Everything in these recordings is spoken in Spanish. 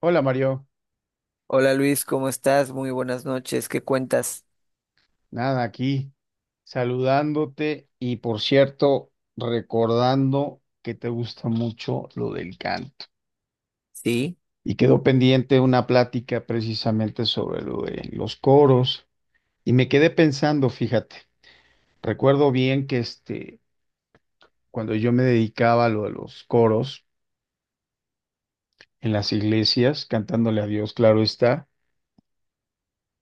Hola Mario, Hola Luis, ¿cómo estás? Muy buenas noches. ¿Qué cuentas? nada aquí, saludándote y por cierto, recordando que te gusta mucho lo del canto. Sí, Y quedó pendiente una plática precisamente sobre lo de los coros y me quedé pensando, fíjate, recuerdo bien que cuando yo me dedicaba a lo de los coros en las iglesias, cantándole a Dios, claro está,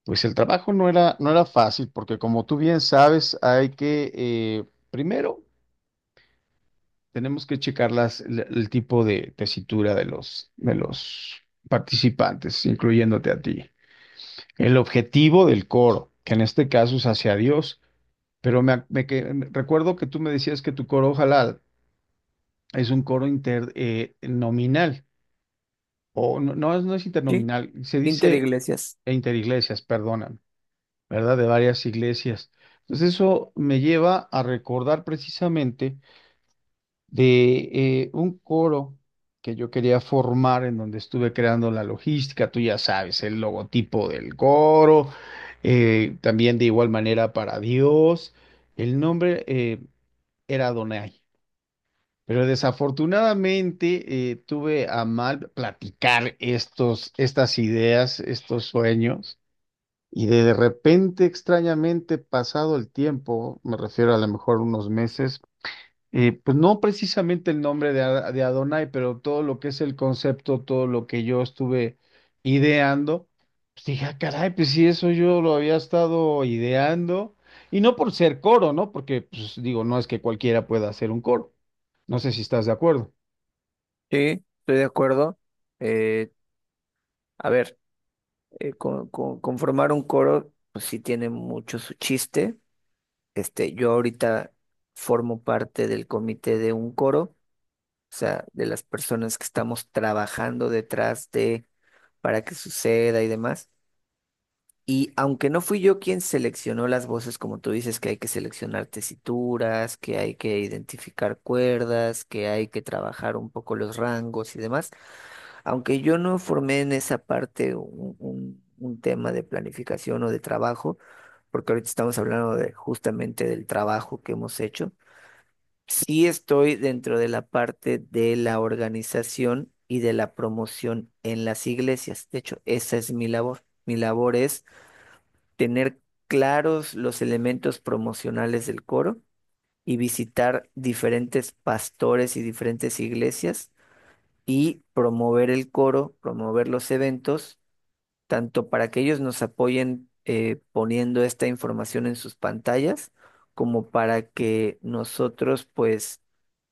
pues el trabajo no era fácil porque como tú bien sabes, hay que... primero, tenemos que checar el tipo de tesitura de de los participantes, incluyéndote a ti. El objetivo del coro, que en este caso es hacia Dios, pero recuerdo que tú me decías que tu coro, ojalá, es un coro internominal, o no, es no es sí, internominal, se dice Interiglesias. e interiglesias, perdonan, ¿verdad? De varias iglesias. Entonces eso me lleva a recordar precisamente de un coro que yo quería formar, en donde estuve creando la logística, tú ya sabes, el logotipo del coro, también de igual manera para Dios. El nombre era Adonai, pero desafortunadamente tuve a mal platicar estas ideas, estos sueños. Y de repente, extrañamente, pasado el tiempo, me refiero a lo mejor unos meses, pues no precisamente el nombre de, Adonai, pero todo lo que es el concepto, todo lo que yo estuve ideando, pues dije: "Ah, caray, pues sí, eso yo lo había estado ideando". Y no por ser coro, ¿no? Porque, pues digo, no es que cualquiera pueda hacer un coro. No sé si estás de acuerdo. Sí, estoy de acuerdo. Eh, a ver, conformar un coro, pues sí tiene mucho su chiste. Este, yo ahorita formo parte del comité de un coro, o sea, de las personas que estamos trabajando detrás de para que suceda y demás. Y aunque no fui yo quien seleccionó las voces, como tú dices, que hay que seleccionar tesituras, que hay que identificar cuerdas, que hay que trabajar un poco los rangos y demás, aunque yo no formé en esa parte un tema de planificación o de trabajo, porque ahorita estamos hablando de, justamente del trabajo que hemos hecho, sí estoy dentro de la parte de la organización y de la promoción en las iglesias. De hecho, esa es mi labor. Mi labor es tener claros los elementos promocionales del coro y visitar diferentes pastores y diferentes iglesias y promover el coro, promover los eventos, tanto para que ellos nos apoyen poniendo esta información en sus pantallas, como para que nosotros pues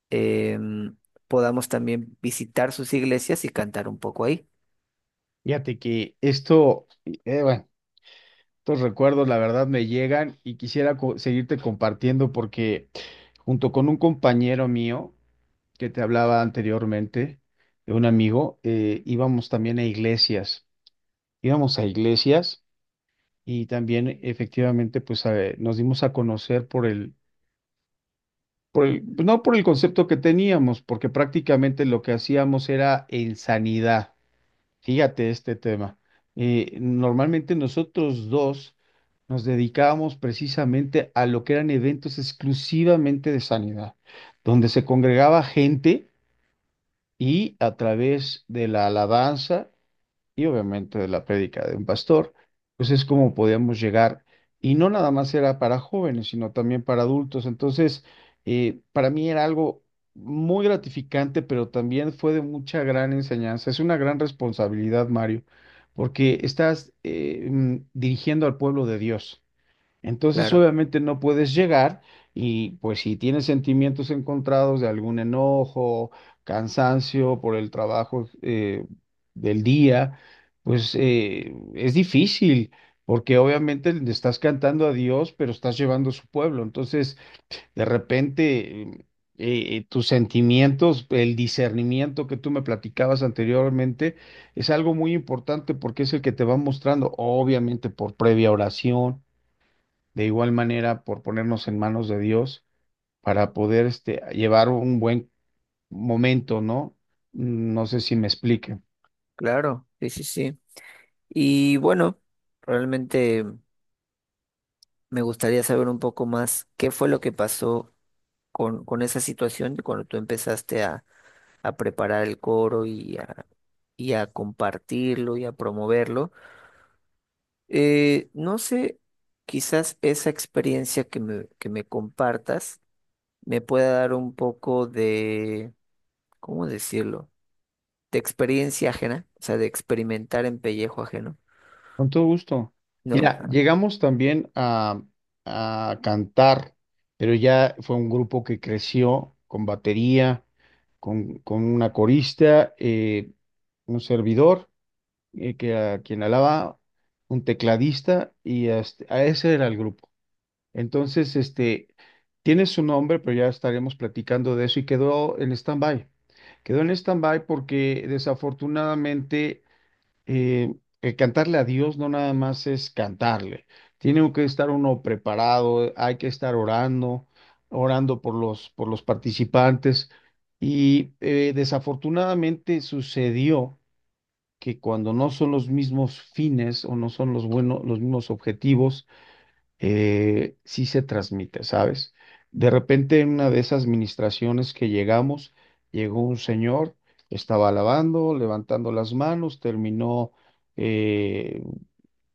em, podamos también visitar sus iglesias y cantar un poco ahí. Fíjate que esto, bueno, estos recuerdos, la verdad, me llegan y quisiera seguirte compartiendo, porque junto con un compañero mío, que te hablaba anteriormente, de un amigo, íbamos también a iglesias, íbamos a iglesias y también efectivamente pues nos dimos a conocer por por pues, no por el concepto que teníamos, porque prácticamente lo que hacíamos era en sanidad. Fíjate este tema. Normalmente nosotros dos nos dedicábamos precisamente a lo que eran eventos exclusivamente de sanidad, donde se congregaba gente y a través de la alabanza y obviamente de la prédica de un pastor, pues es como podíamos llegar. Y no nada más era para jóvenes, sino también para adultos. Entonces, para mí era algo muy gratificante, pero también fue de mucha gran enseñanza. Es una gran responsabilidad, Mario, porque estás dirigiendo al pueblo de Dios. Entonces, Claro, obviamente no puedes llegar, y pues si tienes sentimientos encontrados de algún enojo, cansancio por el trabajo del día, pues es difícil. Porque obviamente le estás cantando a Dios, pero estás llevando a su pueblo. Entonces, de repente, tus sentimientos, el discernimiento que tú me platicabas anteriormente, es algo muy importante porque es el que te va mostrando, obviamente por previa oración, de igual manera por ponernos en manos de Dios, para poder este, llevar un buen momento, ¿no? No sé si me explique. claro, sí, sí, sí. Y bueno, realmente me gustaría saber un poco más qué fue lo que pasó con esa situación de cuando tú empezaste a preparar el coro y a compartirlo y a promoverlo. No sé, quizás esa experiencia que me compartas me pueda dar un poco de, ¿cómo decirlo? De experiencia ajena, o sea, de experimentar en pellejo ajeno, Con todo gusto. ¿no? Mira, llegamos también a cantar, pero ya fue un grupo que creció con batería, con una corista, un servidor, que a quien alaba, un tecladista, y hasta- a ese era el grupo. Entonces, este, tiene su nombre, pero ya estaremos platicando de eso y quedó en stand-by. Quedó en stand-by porque desafortunadamente eh, el cantarle a Dios no nada más es cantarle. Tiene que estar uno preparado, hay que estar orando, orando por por los participantes. Y desafortunadamente sucedió que cuando no son los mismos fines o no son los buenos, los mismos objetivos, sí se transmite, ¿sabes? De repente en una de esas administraciones que llegamos, llegó un señor, estaba alabando, levantando las manos, terminó eh,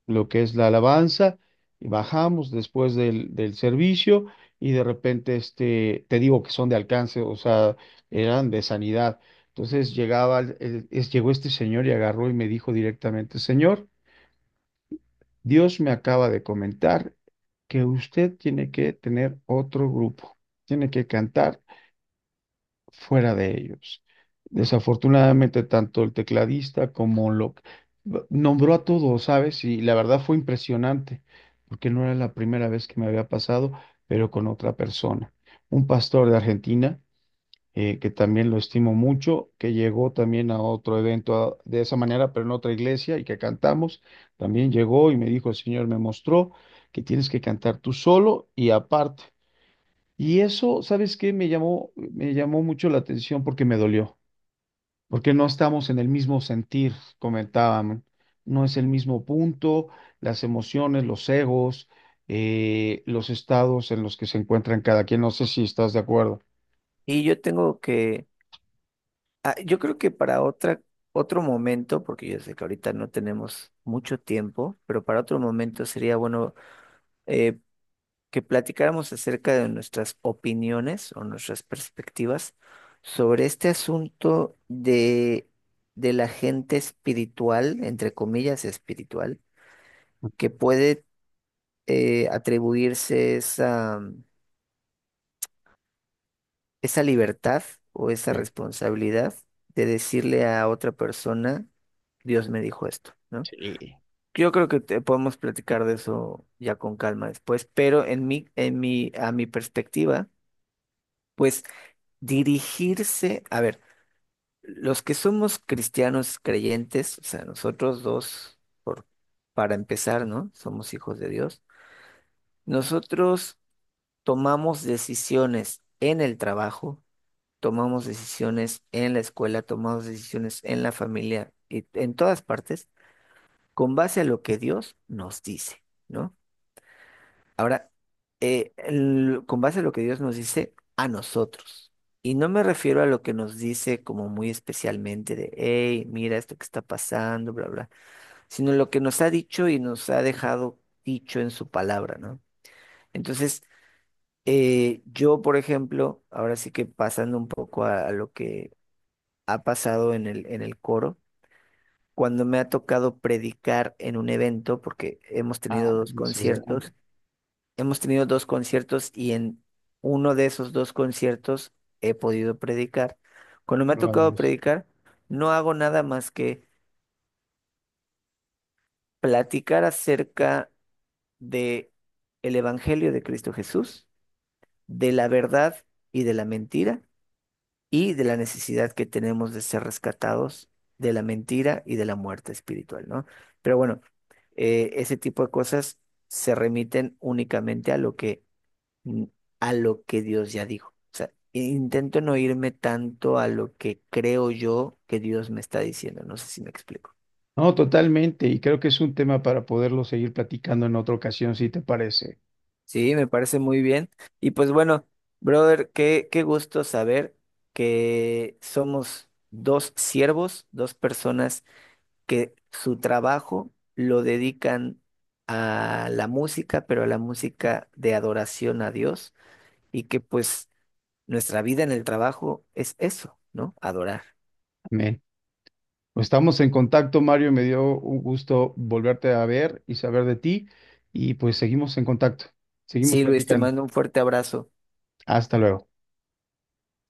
lo que es la alabanza, y bajamos después del servicio y de repente, este, te digo que son de alcance, o sea, eran de sanidad. Entonces llegaba, llegó este señor y agarró y me dijo directamente: señor, Dios me acaba de comentar que usted tiene que tener otro grupo, tiene que cantar fuera de ellos. Desafortunadamente, tanto el tecladista como lo nombró a todos, ¿sabes? Y la verdad fue impresionante, porque no era la primera vez que me había pasado, pero con otra persona, un pastor de Argentina, que también lo estimo mucho, que llegó también a otro evento de esa manera, pero en otra iglesia, y que cantamos. También llegó y me dijo: el Señor me mostró que tienes que cantar tú solo y aparte. Y eso, ¿sabes qué? Me llamó mucho la atención porque me dolió, porque no estamos en el mismo sentir, comentaban, no es el mismo punto, las emociones, los egos, los estados en los que se encuentran cada quien. No sé si estás de acuerdo. Y yo tengo que Ah, yo creo que para otra, otro momento, porque yo sé que ahorita no tenemos mucho tiempo, pero para otro momento sería bueno, eh, que platicáramos acerca de nuestras opiniones o nuestras perspectivas sobre este asunto de la gente espiritual, entre comillas espiritual, que puede atribuirse esa, esa libertad o esa Sí. responsabilidad de decirle a otra persona, Dios me dijo esto, ¿no? Sí. Yo creo que podemos platicar de eso ya con calma después, pero a mi perspectiva, pues dirigirse, a ver, los que somos cristianos creyentes, o sea, nosotros dos, por, para empezar, ¿no? Somos hijos de Dios. Nosotros tomamos decisiones en el trabajo, tomamos decisiones en la escuela, tomamos decisiones en la familia y en todas partes, con base a lo que Dios nos dice, ¿no? Ahora, con base a lo que Dios nos dice a nosotros, y no me refiero a lo que nos dice como muy especialmente de, hey, mira esto que está pasando, bla, bla, sino lo que nos ha dicho y nos ha dejado dicho en su palabra, ¿no? Entonces, yo, por ejemplo, ahora sí que pasando un poco a lo que ha pasado en el coro, cuando me ha tocado predicar en un evento, porque hemos Ah, tenido dos eso es grande, conciertos. Hemos tenido dos conciertos y en uno de esos dos conciertos he podido predicar. Cuando me ha tocado maravilloso. predicar, no hago nada más que platicar acerca de el Evangelio de Cristo Jesús, de la verdad y de la mentira y de la necesidad que tenemos de ser rescatados de la mentira y de la muerte espiritual, ¿no? Pero bueno, ese tipo de cosas se remiten únicamente a lo que mm, a lo que Dios ya dijo. O sea, intento no irme tanto a lo que creo yo que Dios me está diciendo. No sé si me explico. No, totalmente, y creo que es un tema para poderlo seguir platicando en otra ocasión, si te parece. Sí, me parece muy bien. Y pues bueno, brother, qué, qué gusto saber que somos dos siervos, dos personas que su trabajo lo dedican a la música, pero a la música de adoración a Dios y que pues nuestra vida en el trabajo es eso, ¿no? Adorar. Amén. Pues estamos en contacto, Mario, me dio un gusto volverte a ver y saber de ti, y pues seguimos en contacto, seguimos Sí, Luis, te platicando. mando un fuerte abrazo. Hasta luego.